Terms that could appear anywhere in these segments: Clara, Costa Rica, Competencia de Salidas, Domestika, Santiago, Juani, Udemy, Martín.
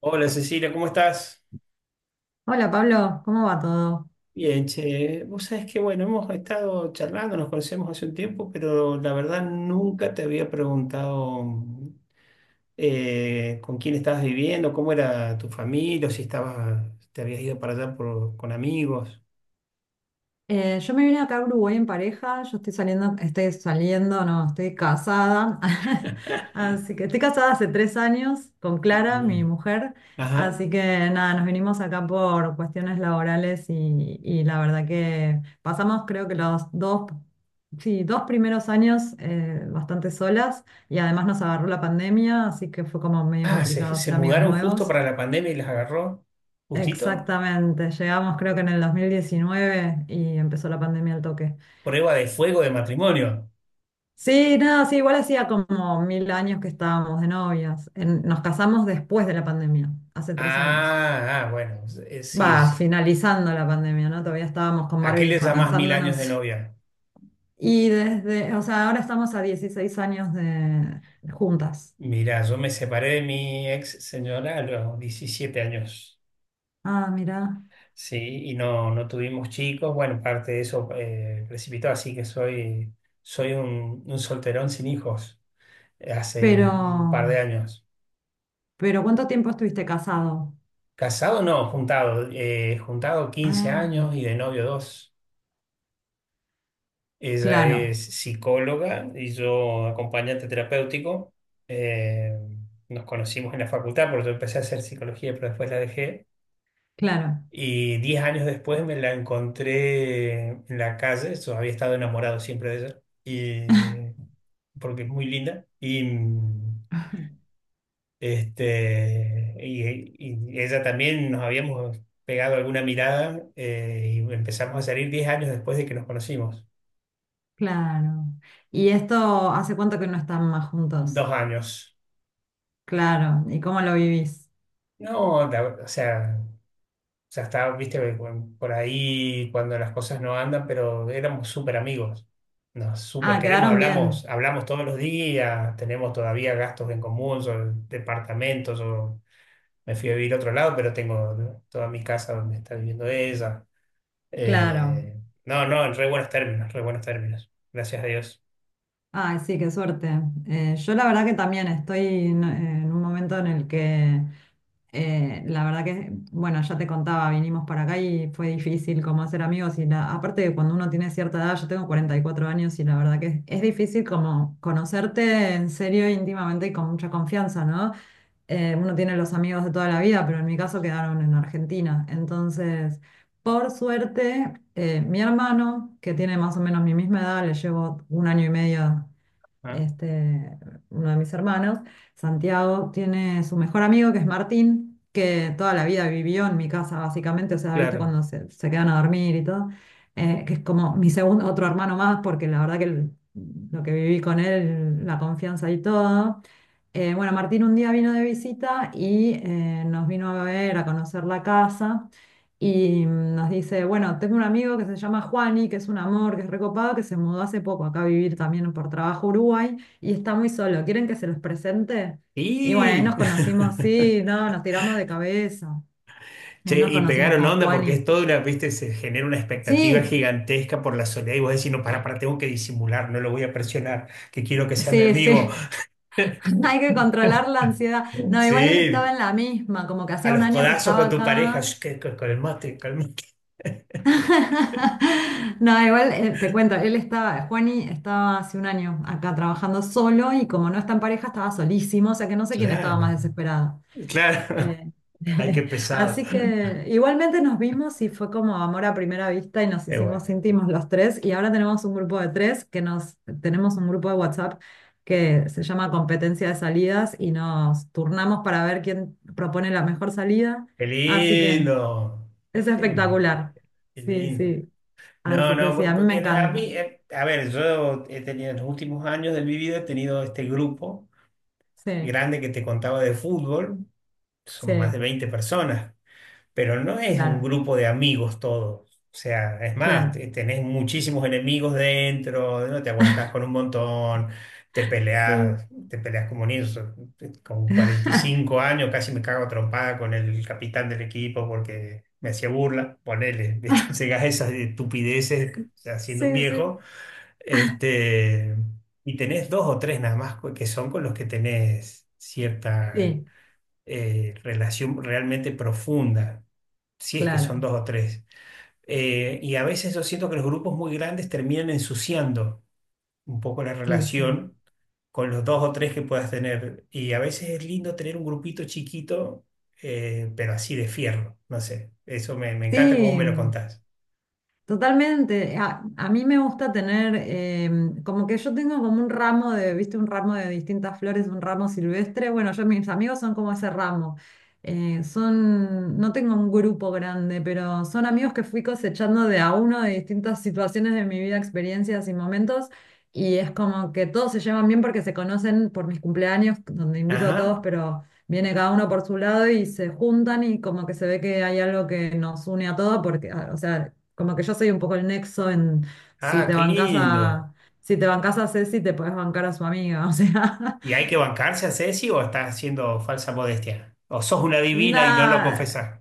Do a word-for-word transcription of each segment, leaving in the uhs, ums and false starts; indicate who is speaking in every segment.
Speaker 1: Hola Cecilia, ¿cómo estás?
Speaker 2: Hola Pablo, ¿cómo va todo?
Speaker 1: Bien, che, vos sabés que bueno, hemos estado charlando, nos conocemos hace un tiempo, pero la verdad nunca te había preguntado eh, con quién estabas viviendo, cómo era tu familia, o si estabas, te habías ido para allá por- con amigos.
Speaker 2: Eh, yo me vine acá a Uruguay en pareja, yo estoy saliendo, estoy saliendo, no, estoy casada, así que estoy casada hace tres años con
Speaker 1: Eh,
Speaker 2: Clara, mi
Speaker 1: bien.
Speaker 2: mujer,
Speaker 1: Ajá.
Speaker 2: así que nada, nos vinimos acá por cuestiones laborales y, y la verdad que pasamos creo que los dos, sí, dos primeros años eh, bastante solas y además nos agarró la pandemia, así que fue como medio
Speaker 1: Ah, se,
Speaker 2: complicado
Speaker 1: se
Speaker 2: hacer amigos
Speaker 1: mudaron justo
Speaker 2: nuevos.
Speaker 1: para la pandemia y las agarró. Justito.
Speaker 2: Exactamente, llegamos creo que en el dos mil diecinueve y empezó la pandemia al toque.
Speaker 1: Prueba de fuego de matrimonio.
Speaker 2: Sí, nada, sí, igual hacía como mil años que estábamos de novias. En- nos casamos después de la pandemia, hace tres años.
Speaker 1: Ah, ah, bueno, eh, sí.
Speaker 2: Va, finalizando la pandemia, ¿no? Todavía estábamos con
Speaker 1: ¿A qué le
Speaker 2: barbijo,
Speaker 1: llamás mil años de
Speaker 2: cansándonos.
Speaker 1: novia?
Speaker 2: Y desde, o sea, ahora estamos a dieciséis años de juntas.
Speaker 1: Mira, yo me separé de mi ex señora a los diecisiete años,
Speaker 2: Ah, mira.
Speaker 1: sí, y no, no tuvimos chicos. Bueno, parte de eso eh, precipitó, así que soy, soy un, un solterón sin hijos eh, hace
Speaker 2: Pero,
Speaker 1: un par de años.
Speaker 2: pero ¿cuánto tiempo estuviste casado?
Speaker 1: Casado no, juntado, eh, juntado quince
Speaker 2: Ah,
Speaker 1: años y de novio dos. Ella
Speaker 2: claro,
Speaker 1: es psicóloga y yo acompañante terapéutico. Eh, Nos conocimos en la facultad porque yo empecé a hacer psicología, pero después la dejé.
Speaker 2: claro.
Speaker 1: Y diez años después me la encontré en la calle, yo había estado enamorado siempre de ella, y, porque es muy linda. Y, mm, este, y, y ella también nos habíamos pegado alguna mirada eh, y empezamos a salir diez años después de que nos conocimos.
Speaker 2: Claro. ¿Y esto hace cuánto que no están más juntos?
Speaker 1: Dos años.
Speaker 2: Claro. ¿Y cómo lo vivís?
Speaker 1: No, la- o sea, o sea, está, viste, bueno, por ahí cuando las cosas no andan, pero éramos súper amigos. Nos súper
Speaker 2: Ah,
Speaker 1: queremos,
Speaker 2: quedaron
Speaker 1: hablamos,
Speaker 2: bien.
Speaker 1: hablamos todos los días, tenemos todavía gastos en común, sobre departamentos, o me fui a vivir a otro lado, pero tengo, ¿no?, toda mi casa donde está viviendo ella.
Speaker 2: Claro.
Speaker 1: Eh, no, no, en re buenos términos, re buenos términos. Gracias a Dios.
Speaker 2: Ay, sí, qué suerte. Eh, yo la verdad que también estoy en, eh, en un momento en el que, eh, la verdad que, bueno, ya te contaba, vinimos para acá y fue difícil como hacer amigos y la, aparte de cuando uno tiene cierta edad, yo tengo cuarenta y cuatro años y la verdad que es, es difícil como conocerte en serio, íntimamente y con mucha confianza, ¿no? Eh, uno tiene los amigos de toda la vida, pero en mi caso quedaron en Argentina. Entonces, por suerte, eh, mi hermano, que tiene más o menos mi misma edad, le llevo un año y medio
Speaker 1: Ah,
Speaker 2: este, uno de mis hermanos, Santiago, tiene su mejor amigo que es Martín, que toda la vida vivió en mi casa básicamente, o sea, viste
Speaker 1: claro.
Speaker 2: cuando se, se quedan a dormir y todo, eh, que es como mi segundo, otro hermano más, porque la verdad que el- lo que viví con él, la confianza y todo. Eh, bueno, Martín un día vino de visita y eh, nos vino a ver, a conocer la casa. Y mm, nos dice, bueno, tengo un amigo que se llama Juani, que es un amor, que es recopado, que se mudó hace poco acá a vivir también por trabajo a Uruguay y está muy solo. ¿Quieren que se los presente? Y bueno, ahí
Speaker 1: Y
Speaker 2: nos conocimos, sí, no, nos tiramos de cabeza. Y ahí
Speaker 1: che,
Speaker 2: nos
Speaker 1: y
Speaker 2: conocimos
Speaker 1: pegaron
Speaker 2: con
Speaker 1: onda porque es
Speaker 2: Juani.
Speaker 1: toda una, viste, se genera una expectativa
Speaker 2: Sí,
Speaker 1: gigantesca por la soledad y vos decís, no, para, para, tengo que disimular, no lo voy a presionar, que quiero que sea mi
Speaker 2: sí,
Speaker 1: amigo.
Speaker 2: sí, hay que controlar la ansiedad. No, igual él estaba
Speaker 1: Sí,
Speaker 2: en la misma, como que
Speaker 1: a
Speaker 2: hacía un
Speaker 1: los
Speaker 2: año que
Speaker 1: codazos
Speaker 2: estaba
Speaker 1: con tu pareja,
Speaker 2: acá.
Speaker 1: "Sh, que- que- calmate, calmate".
Speaker 2: No, igual eh, te cuento, él estaba, Juani estaba hace un año acá trabajando solo y como no está en pareja estaba solísimo, o sea que no sé quién estaba más
Speaker 1: Claro,
Speaker 2: desesperado.
Speaker 1: claro,
Speaker 2: Eh,
Speaker 1: hay que pesado.
Speaker 2: así que igualmente nos vimos y fue como amor a primera vista y nos
Speaker 1: Qué bueno,
Speaker 2: hicimos íntimos los tres y ahora tenemos un grupo de tres que nos, tenemos un grupo de WhatsApp que se llama Competencia de Salidas y nos turnamos para ver quién propone la mejor salida,
Speaker 1: qué
Speaker 2: así que
Speaker 1: lindo,
Speaker 2: es
Speaker 1: qué lindo,
Speaker 2: espectacular.
Speaker 1: qué
Speaker 2: Sí,
Speaker 1: lindo.
Speaker 2: sí.
Speaker 1: No,
Speaker 2: Así que sí,
Speaker 1: no,
Speaker 2: a mí me
Speaker 1: porque a
Speaker 2: encanta.
Speaker 1: mí, eh, a ver, yo he tenido en los últimos años de mi vida, he tenido este grupo
Speaker 2: Sí,
Speaker 1: grande que te contaba de fútbol,
Speaker 2: sí,
Speaker 1: son más de veinte personas, pero no es un
Speaker 2: claro,
Speaker 1: grupo de amigos todos. O sea, es más,
Speaker 2: claro.
Speaker 1: te- tenés muchísimos enemigos dentro, no te aguantás con un montón, te
Speaker 2: Sí,
Speaker 1: peleás, te peleás como un inso- con cuarenta y cinco años casi me cago a trompada con el capitán del equipo porque me hacía burla, ponele, ¿viste? Llegás a esas estupideces haciendo un
Speaker 2: sí, sí.
Speaker 1: viejo este, y tenés dos o tres nada más co- que son con los que tenés cierta
Speaker 2: Sí,
Speaker 1: eh, relación realmente profunda, si es que son
Speaker 2: claro.
Speaker 1: dos o tres. Eh, y a veces yo siento que los grupos muy grandes terminan ensuciando un poco la
Speaker 2: Y sí.
Speaker 1: relación con los dos o tres que puedas tener. Y a veces es lindo tener un grupito chiquito, eh, pero así de fierro, no sé. Eso me, me encanta cómo
Speaker 2: Sí,
Speaker 1: me lo contás.
Speaker 2: totalmente. A, a mí me gusta tener, em, como que yo tengo como un ramo de, viste, un ramo de distintas flores, un ramo silvestre. Bueno, yo mis amigos son como ese ramo. Eh, son, no tengo un grupo grande, pero son amigos que fui cosechando de a uno de distintas situaciones de mi vida, experiencias y momentos. Y es como que todos se llevan bien porque se conocen por mis cumpleaños, donde invito a todos,
Speaker 1: Ajá.
Speaker 2: pero viene cada uno por su lado y se juntan y como que se ve que hay algo que nos une a todos, porque, a- o sea, como que yo soy un poco el nexo en si
Speaker 1: Ah,
Speaker 2: te
Speaker 1: qué
Speaker 2: bancas
Speaker 1: lindo.
Speaker 2: a, si te bancas a Ceci, te podés bancar a su amiga. O sea,
Speaker 1: ¿Y hay que bancarse a Ceci o estás haciendo falsa modestia? ¿O sos una divina y no lo
Speaker 2: nada,
Speaker 1: confesás?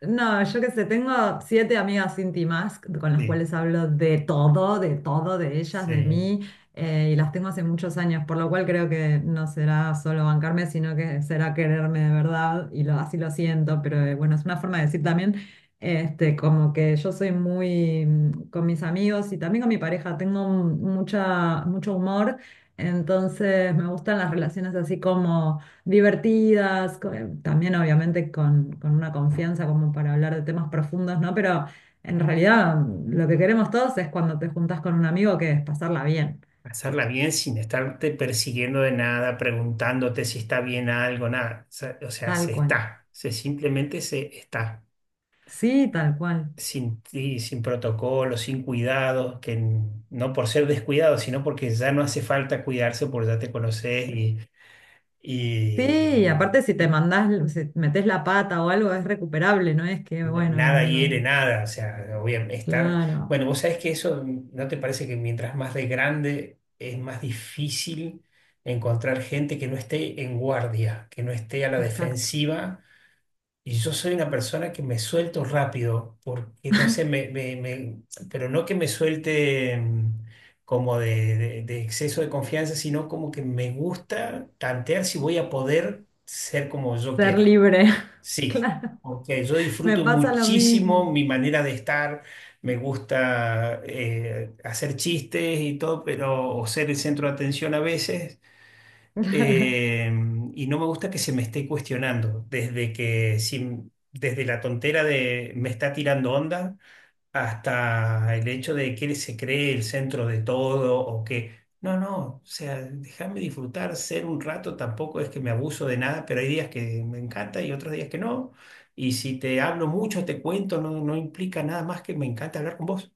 Speaker 2: no, yo qué sé, tengo siete amigas íntimas con las
Speaker 1: Sí,
Speaker 2: cuales hablo de todo, de todo, de ellas, de
Speaker 1: sí.
Speaker 2: mí, eh, y las tengo hace muchos años, por lo cual creo que no será solo bancarme, sino que será quererme de verdad, y lo, así lo siento, pero eh, bueno, es una forma de decir también, este, como que yo soy muy, mm, con mis amigos y también con mi pareja, tengo un- mucha, mucho humor, entonces me gustan las relaciones así como divertidas, co- eh, también obviamente con, con una confianza como para hablar de temas profundos, ¿no? Pero en realidad mm, lo que queremos todos es cuando te juntas con un amigo que es pasarla bien,
Speaker 1: Hacerla bien sin estarte persiguiendo de nada, preguntándote si está bien algo, nada. O sea, o sea,
Speaker 2: tal
Speaker 1: se
Speaker 2: cual.
Speaker 1: está. Se simplemente se está.
Speaker 2: Sí, tal cual.
Speaker 1: Sin ti, sin protocolo, sin cuidado, que n- no por ser descuidado, sino porque ya no hace falta cuidarse porque ya te conoces y,
Speaker 2: Sí, y aparte si te
Speaker 1: y,
Speaker 2: mandás, si metes la pata o algo es recuperable, no es que, bueno,
Speaker 1: nada hiere
Speaker 2: no-
Speaker 1: nada, o sea, obviamente está...
Speaker 2: claro,
Speaker 1: Bueno, vos sabés que eso, ¿no te parece que mientras más de grande es más difícil encontrar gente que no esté en guardia, que no esté a la
Speaker 2: exacto.
Speaker 1: defensiva? Y yo soy una persona que me suelto rápido, porque no sé, me, me- me- pero no que me suelte mm, como de, de de exceso de confianza, sino como que me gusta tantear si voy a poder ser como yo
Speaker 2: Ser
Speaker 1: quiero.
Speaker 2: libre,
Speaker 1: Sí,
Speaker 2: claro,
Speaker 1: porque yo
Speaker 2: me
Speaker 1: disfruto
Speaker 2: pasa lo
Speaker 1: muchísimo
Speaker 2: mismo.
Speaker 1: mi manera de estar, me gusta eh, hacer chistes y todo, pero o ser el centro de atención a veces, eh, y no me gusta que se me esté cuestionando, desde que si- desde la tontera de me está tirando onda hasta el hecho de que él se cree el centro de todo o que, no, no, o sea, déjame disfrutar, ser un rato, tampoco es que me abuso de nada, pero hay días que me encanta y otros días que no. Y si te hablo mucho, te cuento, no, no implica nada más que me encanta hablar con vos.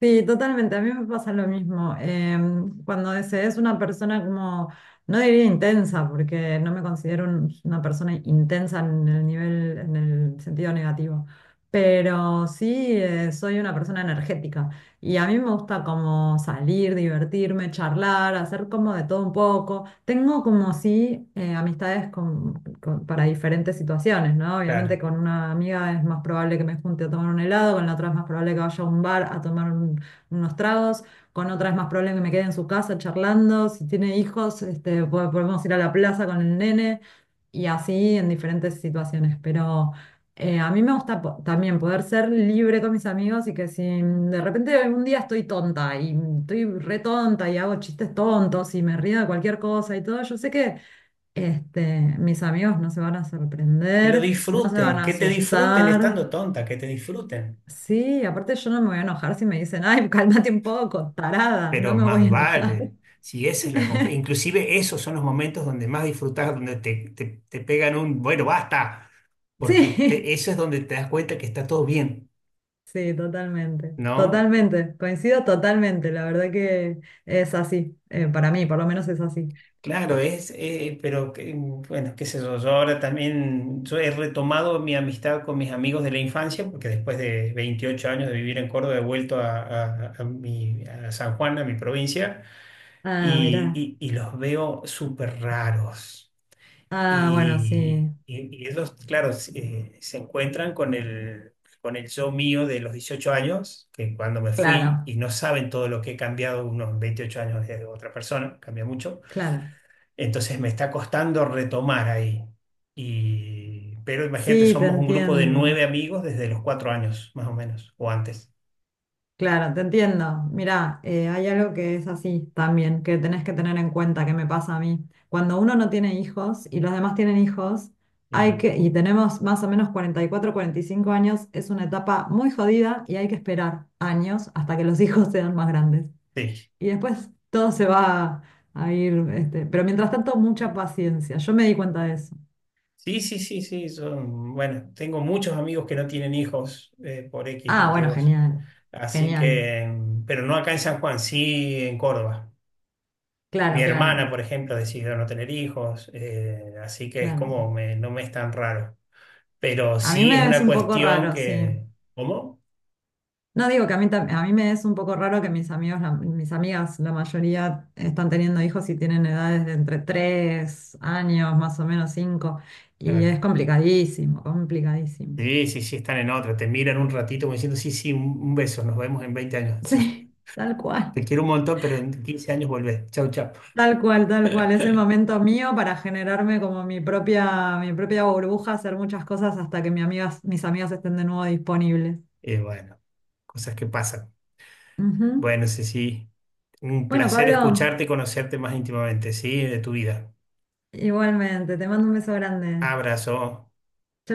Speaker 2: Sí, totalmente. A mí me pasa lo mismo. Em, cuando se es una persona como, no diría intensa, porque no me considero un- una persona intensa en el nivel, en el sentido negativo, pero sí eh, soy una persona energética y a mí me gusta como salir, divertirme, charlar, hacer como de todo un poco. Tengo como sí eh, amistades con- para diferentes situaciones, ¿no? Obviamente
Speaker 1: Claro.
Speaker 2: con una amiga es más probable que me junte a tomar un helado, con la otra es más probable que vaya a un bar a tomar un- unos tragos, con otra es más probable que me quede en su casa charlando, si tiene hijos, este, po- podemos ir a la plaza con el nene y así en diferentes situaciones, pero... eh, a mí me gusta po- también poder ser libre con mis amigos y que si de repente algún día estoy tonta y estoy re tonta y hago chistes tontos y me río de cualquier cosa y todo, yo sé que este, mis amigos no se van a
Speaker 1: Que lo
Speaker 2: sorprender, no se van
Speaker 1: disfruten,
Speaker 2: a
Speaker 1: que te disfruten
Speaker 2: asustar.
Speaker 1: estando tonta, que te disfruten.
Speaker 2: Sí, aparte yo no me voy a enojar si me dicen, ay, cálmate un poco, tarada, no
Speaker 1: Pero
Speaker 2: me voy
Speaker 1: más
Speaker 2: a enojar.
Speaker 1: vale. Si esa es la conf- inclusive esos son los momentos donde más disfrutas, donde te, te, te pegan un, bueno, basta, porque
Speaker 2: Sí,
Speaker 1: te- eso es donde te das cuenta que está todo bien,
Speaker 2: sí, totalmente,
Speaker 1: ¿no?
Speaker 2: totalmente, coincido totalmente, la verdad que es así, eh, para mí por lo menos es así.
Speaker 1: Claro, es, eh, pero que- bueno, qué sé yo, yo ahora también, yo he retomado mi amistad con mis amigos de la infancia, porque después de veintiocho años de vivir en Córdoba he vuelto a, a- a mi, a San Juan, a mi provincia,
Speaker 2: Ah, mirá,
Speaker 1: y, y y los veo súper raros.
Speaker 2: ah, bueno,
Speaker 1: Y,
Speaker 2: sí,
Speaker 1: y- y ellos, claro, se eh, se encuentran con el, con el yo mío de los dieciocho años, que cuando me fui, y
Speaker 2: claro,
Speaker 1: no saben todo lo que he cambiado unos veintiocho años de otra persona, cambia mucho.
Speaker 2: claro,
Speaker 1: Entonces me está costando retomar ahí. Y, pero imagínate,
Speaker 2: sí, te
Speaker 1: somos un grupo de
Speaker 2: entiendo.
Speaker 1: nueve amigos desde los cuatro años, más o menos, o antes.
Speaker 2: Claro, te entiendo. Mirá, eh, hay algo que es así también, que tenés que tener en cuenta, que me pasa a mí. Cuando uno no tiene hijos y los demás tienen hijos,
Speaker 1: Sí,
Speaker 2: hay que, y tenemos más o menos cuarenta cuarenta y cuatro, cuarenta y cinco años, es una etapa muy jodida y hay que esperar años hasta que los hijos sean más grandes.
Speaker 1: sí,
Speaker 2: Y después todo se va a ir, este, pero mientras tanto, mucha paciencia. Yo me di cuenta de eso.
Speaker 1: sí, sí, sí, sí, son- bueno, tengo muchos amigos que no tienen hijos eh, por X
Speaker 2: Ah, bueno,
Speaker 1: motivos.
Speaker 2: genial,
Speaker 1: Así
Speaker 2: genial.
Speaker 1: que, pero no acá en San Juan, sí en Córdoba.
Speaker 2: Claro,
Speaker 1: Mi
Speaker 2: claro,
Speaker 1: hermana, por ejemplo, decidió no tener hijos, eh, así que es
Speaker 2: claro.
Speaker 1: como, me- no me es tan raro. Pero
Speaker 2: A mí
Speaker 1: sí es
Speaker 2: me es
Speaker 1: una
Speaker 2: un poco
Speaker 1: cuestión
Speaker 2: raro, sí.
Speaker 1: que... ¿Cómo?
Speaker 2: No digo que a mí, tam- a mí me es un poco raro que mis amigos, la- mis amigas, la mayoría están teniendo hijos y tienen edades de entre tres años, más o menos cinco y es
Speaker 1: Claro.
Speaker 2: complicadísimo, complicadísimo.
Speaker 1: Sí, sí, sí, están en otra. Te miran un ratito como diciendo, sí, sí, un, un beso, nos vemos en veinte años. Chao.
Speaker 2: Sí, tal cual,
Speaker 1: Te quiero un montón, pero en quince años volvés. Chau, chau.
Speaker 2: tal cual, tal cual. Es el momento mío para generarme como mi propia, mi propia burbuja, hacer muchas cosas hasta que mis amigas, mis amigas estén de nuevo disponibles.
Speaker 1: Eh, bueno, cosas que pasan.
Speaker 2: Ujú.
Speaker 1: Bueno, sí, sí. Un
Speaker 2: Bueno,
Speaker 1: placer
Speaker 2: Pablo,
Speaker 1: escucharte y conocerte más íntimamente, ¿sí? De tu vida.
Speaker 2: igualmente, te mando un beso grande.
Speaker 1: Abrazo.